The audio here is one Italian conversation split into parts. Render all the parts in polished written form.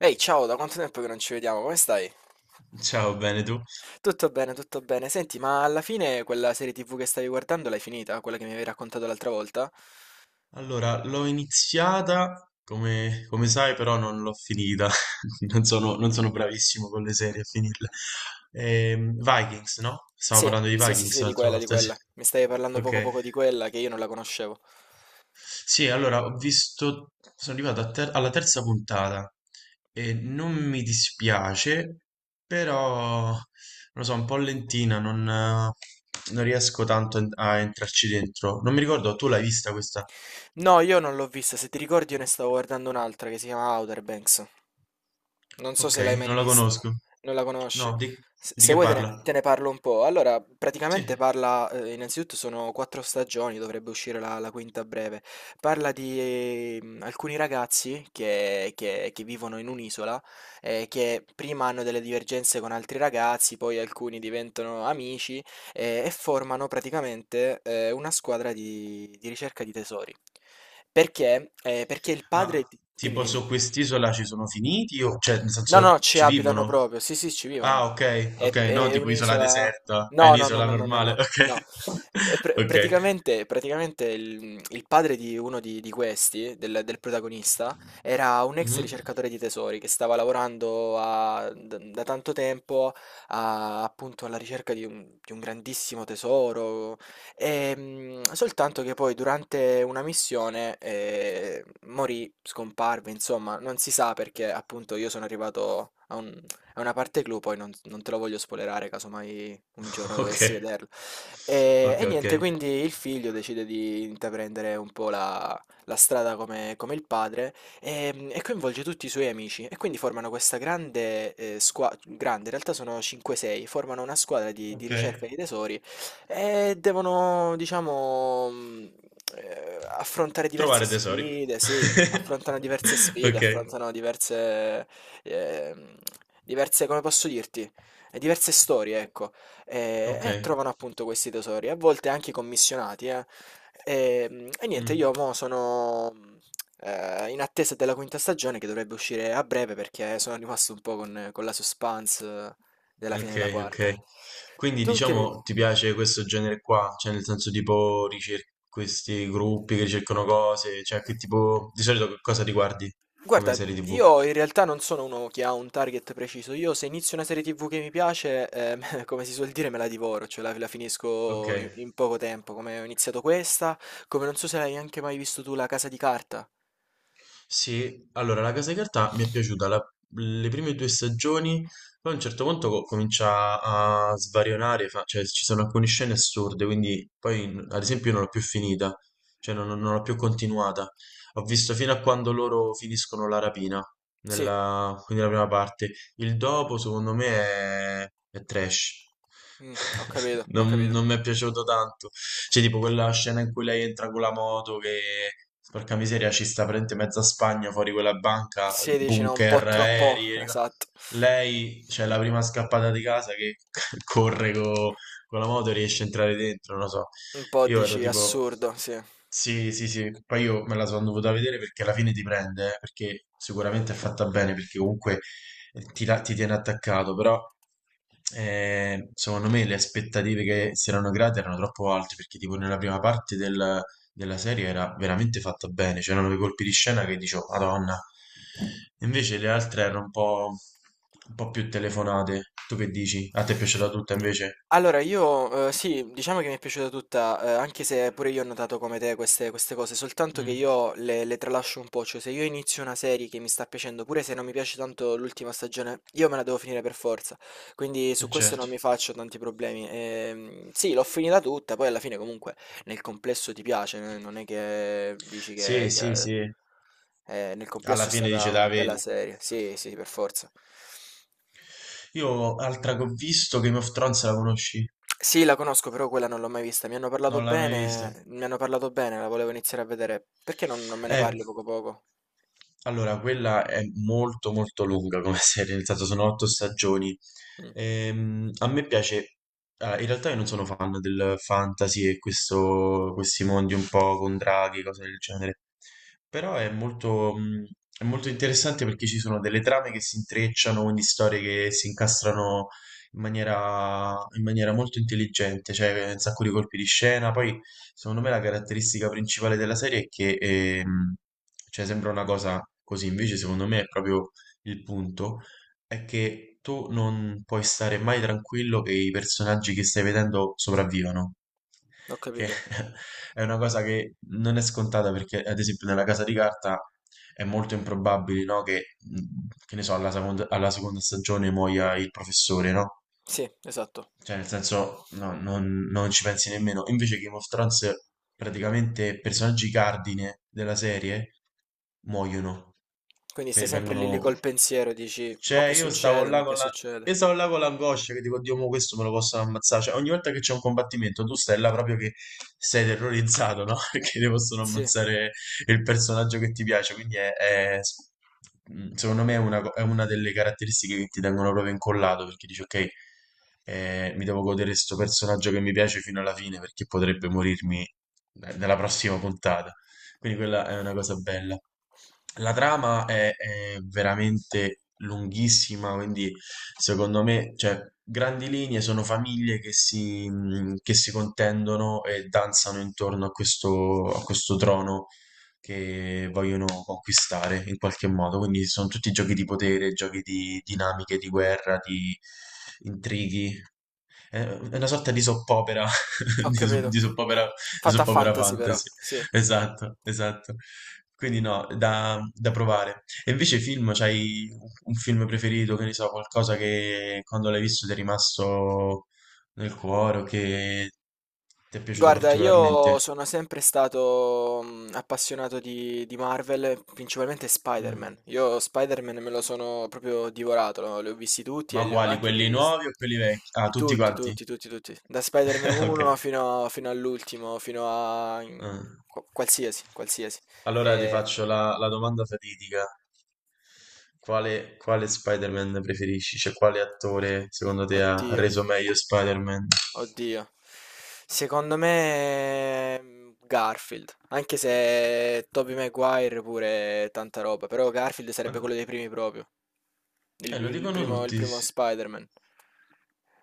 Ehi, ciao, da quanto tempo che non ci vediamo? Come stai? Ciao, bene tu? Tutto bene, tutto bene. Senti, ma alla fine quella serie TV che stavi guardando l'hai finita? Quella che mi avevi raccontato l'altra volta? Allora, l'ho iniziata, come sai, però non l'ho finita. Non sono bravissimo con le serie a finirle. Vikings, no? Stiamo Sì, parlando di sì, sì, Vikings sì, di l'altra quella, di volta, sì. quella. Mi stavi parlando poco Ok. poco di quella che io non la conoscevo. Sì, allora ho visto, sono arrivato alla terza puntata e non mi dispiace, però non lo so, un po' lentina, non riesco tanto a entrarci dentro. Non mi ricordo, tu l'hai vista questa? No, io non l'ho vista. Se ti ricordi, io ne stavo guardando un'altra che si chiama Outer Banks. Non so Ok, se l'hai mai non la vista, conosco. non la conosci. No, di, Se, di se che vuoi te ne, parla? te ne parlo un po'. Allora, praticamente Sì, parla, innanzitutto sono quattro stagioni, dovrebbe uscire la quinta a breve. Parla di alcuni ragazzi che vivono in un'isola, che prima hanno delle divergenze con altri ragazzi, poi alcuni diventano amici e formano praticamente una squadra di ricerca di tesori. Perché? Perché il ma padre... Dimmi, tipo dimmi. su quest'isola ci sono finiti o cioè nel No, no, senso ci ci abitano vivono? proprio. Sì, sì, ci Ah, vivono. ok, ok, È, no, è tipo isola un'isola. deserta. È No, no, no, un'isola no, no, no, normale, no, ok. no. È Ok. Praticamente il padre di uno di questi, del protagonista, era un ex Mhm. ricercatore di tesori che stava lavorando da tanto tempo appunto alla ricerca di un grandissimo tesoro. Soltanto che poi durante una missione morì, scomparve, insomma, non si sa perché. Appunto, io sono arrivato a una parte clou, poi non te lo voglio spoilerare casomai un giorno Ok. dovessi vederlo. E, Ok, e ok. niente, quindi il figlio decide di intraprendere un po' la strada come, come il padre e coinvolge tutti i suoi amici e quindi formano questa grande squadra, grande, in realtà sono 5-6, formano una squadra di Ok. ricerca di tesori. Devono diciamo, affrontare diverse Trovare tesori. sfide, sì, affrontano diverse sfide, Ok. affrontano ehm, diverse come posso dirti, diverse storie, ecco, Ok. e trovano appunto questi tesori, a volte anche commissionati, eh. E niente, Mm. io mo sono, in attesa della quinta stagione che dovrebbe uscire a breve perché sono rimasto un po' con la suspense della fine della Ok, quarta. ok. Quindi Tu che mi... diciamo ti piace questo genere qua? Cioè nel senso tipo questi gruppi che cercano cose, cioè che tipo di solito che cosa riguardi come Guarda, serie TV? io in realtà non sono uno che ha un target preciso. Io se inizio una serie TV che mi piace, come si suol dire, me la divoro, cioè la Ok, finisco in poco tempo, come ho iniziato questa, come non so se l'hai anche mai visto tu La Casa di Carta. sì, allora la Casa di Carta mi è piaciuta le prime due stagioni, poi a un certo punto comincia a svarionare, cioè ci sono alcune scene assurde, quindi poi ad esempio io non l'ho più finita, cioè non l'ho più continuata, ho visto fino a quando loro finiscono la rapina, Sì, quindi la prima parte, il dopo secondo me è trash, mm, ho capito, ho non capito. non mi è piaciuto tanto. Cioè, tipo quella scena in cui lei entra con la moto che, porca miseria, ci sta praticamente mezza Spagna fuori quella banca, Sì, dici no, un po' bunker, troppo, aerei. Esatto. Lei, cioè, la prima scappata di casa che corre con la moto e riesce a entrare dentro, non lo so. Un po' Io ero dici tipo, assurdo, sì. sì, sì, sì, poi io me la sono dovuta vedere perché alla fine ti prende, perché sicuramente è fatta bene, perché comunque ti tiene attaccato, però, secondo me le aspettative che si erano create erano troppo alte, perché tipo nella prima parte della serie era veramente fatta bene, c'erano quei colpi di scena che dicevo, Madonna, invece le altre erano un po' più telefonate. Tu che dici? A te è piaciuta tutta invece? Allora io, sì, diciamo che mi è piaciuta tutta, anche se pure io ho notato come te queste cose, soltanto che Mm, io le tralascio un po', cioè se io inizio una serie che mi sta piacendo, pure se non mi piace tanto l'ultima stagione, io me la devo finire per forza, quindi su questo non certo. mi faccio tanti problemi. Sì, l'ho finita tutta, poi alla fine comunque nel complesso ti piace, non è che dici che Sì, sì, che- sì. eh, nel Alla complesso è fine stata dice, una da bella vedi. serie, sì, sì, per forza. Io, altra che ho visto, Game of Thrones la conosci? Sì, la conosco, però quella non l'ho mai vista. Mi hanno parlato Non l'hai mai vista? bene, mi hanno parlato bene, la volevo iniziare a vedere. Perché non me ne parli Ecco. poco poco? Allora, quella è molto molto lunga come serie, nel senso sono otto stagioni. Mm, A me piace, ah, in realtà io non sono fan del fantasy e questi mondi un po' con draghi, cose del genere, però è è molto interessante perché ci sono delle trame che si intrecciano, quindi storie che si incastrano in maniera molto intelligente, cioè un sacco di colpi di scena, poi. Secondo me la caratteristica principale della serie è che, cioè sembra una cosa così, invece secondo me è proprio il punto, è che tu non puoi stare mai tranquillo che i personaggi che stai vedendo sopravvivano, ho che capito. è una cosa che non è scontata perché ad esempio nella Casa di Carta è molto improbabile, no, che, che ne so, alla seconda stagione muoia il professore, no? Sì, esatto. Cioè, nel senso, no, non ci pensi nemmeno. Invece Game of Thrones, praticamente personaggi cardine della serie muoiono, Quindi stai sempre lì lì vengono col pensiero, dici, mo cioè, che io stavo succede, là mo che con la... succede. Io stavo là con l'angoscia che dico, Dio, mo questo me lo possono ammazzare. Cioè, ogni volta che c'è un combattimento, tu stai là proprio che sei terrorizzato, no? Perché ti possono Sì, ammazzare il personaggio che ti piace. Quindi, secondo me è una delle caratteristiche che ti tengono proprio incollato, perché dici, ok, mi devo godere questo personaggio che mi piace fino alla fine, perché potrebbe morirmi, nella prossima puntata. Quindi quella è una cosa bella. La trama è veramente lunghissima, quindi secondo me, cioè, grandi linee sono famiglie che si contendono e danzano intorno a questo trono che vogliono conquistare in qualche modo. Quindi sono tutti giochi di potere, giochi di dinamiche, di guerra, di intrighi. È una sorta di soppopera, ho di, so- capito. di soppopera, di Fatta a soppopera fantasy però, fantasy. sì. Esatto, esatto. Quindi no, da provare. E invece film, c'hai un film preferito, che ne so, qualcosa che quando l'hai visto ti è rimasto nel cuore o che ti è piaciuto Guarda, io particolarmente? sono sempre stato mm, appassionato di Marvel, principalmente Mm. Spider-Man. Io Spider-Man me lo sono proprio divorato, no? Li ho visti tutti e Ma li ho quali? anche Quelli rivisti. nuovi o quelli vecchi? Ah, tutti Tutti, quanti? tutti, tutti, tutti. Da Spider-Man Ok. 1 fino, fino all'ultimo, fino a... Ah. Qualsiasi, qualsiasi. Allora ti E- faccio la domanda fatidica. Quale Spider-Man preferisci? Cioè, quale attore secondo te ha Oddio. reso meglio Spider-Man? Oddio. Secondo me mm, Garfield, anche se Tobey Maguire pure è tanta roba, però Garfield sarebbe Ma- quello dei primi proprio, il, lo il dicono primo, il tutti. primo Spider-Man,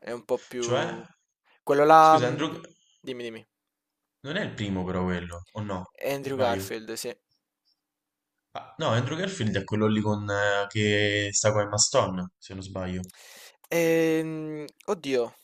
è un po' Cioè, più... Quello là, scusa, mm, Andrew... dimmi, dimmi, Non è il primo però quello, o no? Andrew Sbaglio. Garfield, sì. Ah, no, Andrew Garfield è quello lì con, che sta con Emma Stone, se non sbaglio. Ehm, oddio,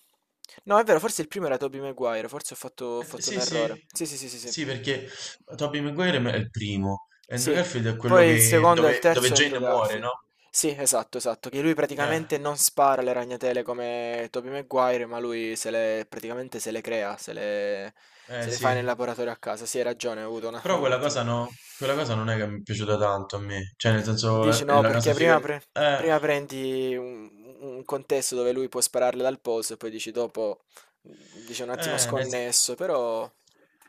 no è vero, forse il primo era Tobey Maguire, forse ho fatto un Sì, errore, sì, sì sì sì sì sì. sì, perché Tobey Maguire è il primo. Andrew Sì, Garfield è quello poi il che, secondo e il dove terzo è Andrew Jane muore, no? Garfield. Sì, esatto, esatto, che lui Eh, praticamente non spara le ragnatele come Tobey Maguire, ma lui se le, praticamente se le crea, se le, eh se le sì. fa nel laboratorio a casa. Sì, hai ragione, ho avuto Però un quella cosa attimo. no, quella cosa non è che mi è piaciuta tanto a me. Cioè, nel Dici senso, no, la casa perché figa. prima, pre- Eh, prima prendi un contesto dove lui può spararle dal polso e poi dici dopo, mm, dici un attimo eh, nel- sconnesso, però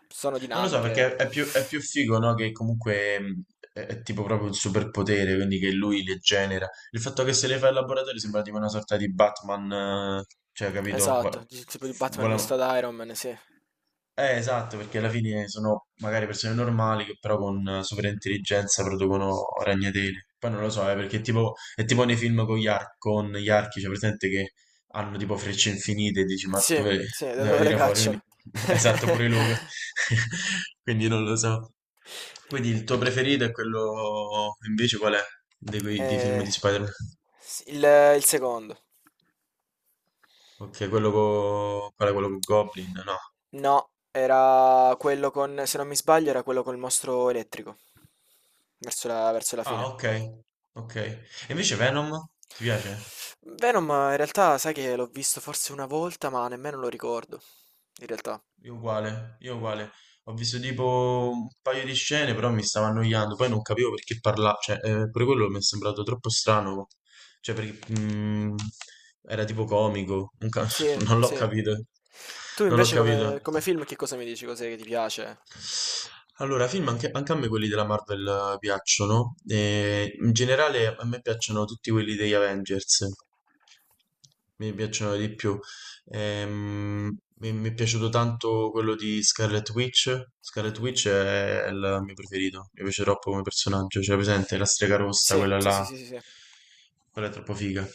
sono non lo so, dinamiche. perché è più figo, no? Che comunque è tipo proprio il superpotere, quindi che lui le genera. Il fatto che se le fa il laboratorio sembra tipo una sorta di Batman, eh, cioè, capito? Esatto, dici tipo di Batman misto Vuole- ad Iron Man, sì. Esatto, perché alla fine sono magari persone normali che però con superintelligenza producono ragnatele. Poi non lo so, perché è tipo nei film con gli archi, cioè presente che hanno tipo frecce infinite e dici ma Sì, dove sì, da deve dove le tirare fuori? Quindi, cacciano. esatto, pure lui. Quindi non lo so. Quindi il tuo preferito è quello invece qual è? Di quei di film Eh, di Spider-Man? s- il, il secondo. Ok, quello con... qual è quello con Goblin? No. No, era quello con, se non mi sbaglio, era quello col mostro elettrico. Verso la fine. Ah, ok. Ok. E invece Venom? Ti piace? Venom, in realtà, sai che l'ho visto forse una volta, ma nemmeno lo ricordo. In realtà. Io uguale, io uguale. Ho visto tipo un paio di scene, però mi stava annoiando. Poi non capivo perché parlava, cioè, pure quello mi è sembrato troppo strano. Cioè, perché era tipo comico. Non, ca- Sì, non l'ho sì. capito. Tu Non l'ho invece capito. come film che cosa mi dici? Cos'è che ti piace? Allora, film anche a me quelli della Marvel, piacciono, no? E in generale a me piacciono tutti quelli degli Avengers. Mi piacciono di più. Mi è piaciuto tanto quello di Scarlet Witch. Scarlet Witch è il mio preferito, mi piace troppo come personaggio, cioè presente la strega rossa, Sì, quella sì, sì, là, sì, sì, sì. quella è troppo figa.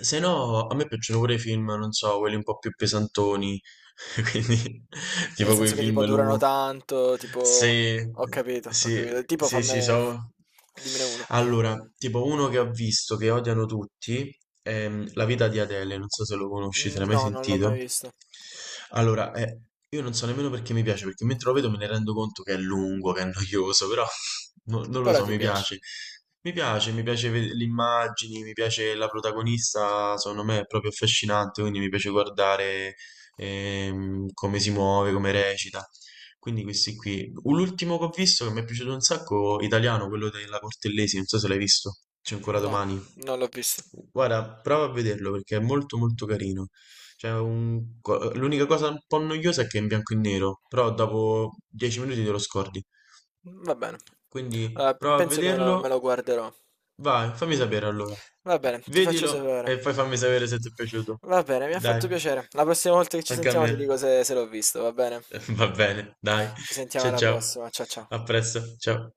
Se no, a me piacciono pure i film, non so, quelli un po' più pesantoni, quindi Nel tipo quei senso che tipo film durano lunghi tanto, tipo... sì, Ho capito, ho sì, capito. Tipo sì, sì, so. dimmene uno. Allora, tipo uno che ho visto che odiano tutti è La vita di Adele, non so se lo conosci, se l'hai mai No, non l'ho mai sentito. visto. Allora, io non so nemmeno perché mi piace, perché mentre lo vedo me ne rendo conto che è lungo, che è noioso, però non lo Però so, ti mi piace. piace. Mi piace, mi piace le immagini, mi piace la protagonista, secondo me è proprio affascinante, quindi mi piace guardare, come si muove, come recita. Quindi questi qui. L'ultimo che ho visto che mi è piaciuto un sacco, italiano, quello della Cortellesi, non so se l'hai visto. C'è ancora No, domani. non l'ho visto. Guarda, prova a vederlo perché è molto molto carino. Cioè, L'unica cosa un po' noiosa è che è in bianco e nero, però dopo 10 minuti te lo scordi. Va bene. Quindi Allora, prova a penso che me vederlo. lo guarderò. Vai, fammi sapere allora. Va bene, ti faccio Vedilo sapere. e poi fammi sapere se ti è piaciuto. Va bene, mi ha Dai, fatto piacere. La prossima volta che ci anche a sentiamo me. ti dico se se l'ho visto, va bene? Va bene, dai. Ci sentiamo Cia alla ciao. prossima. Ciao ciao. A presto, ciao.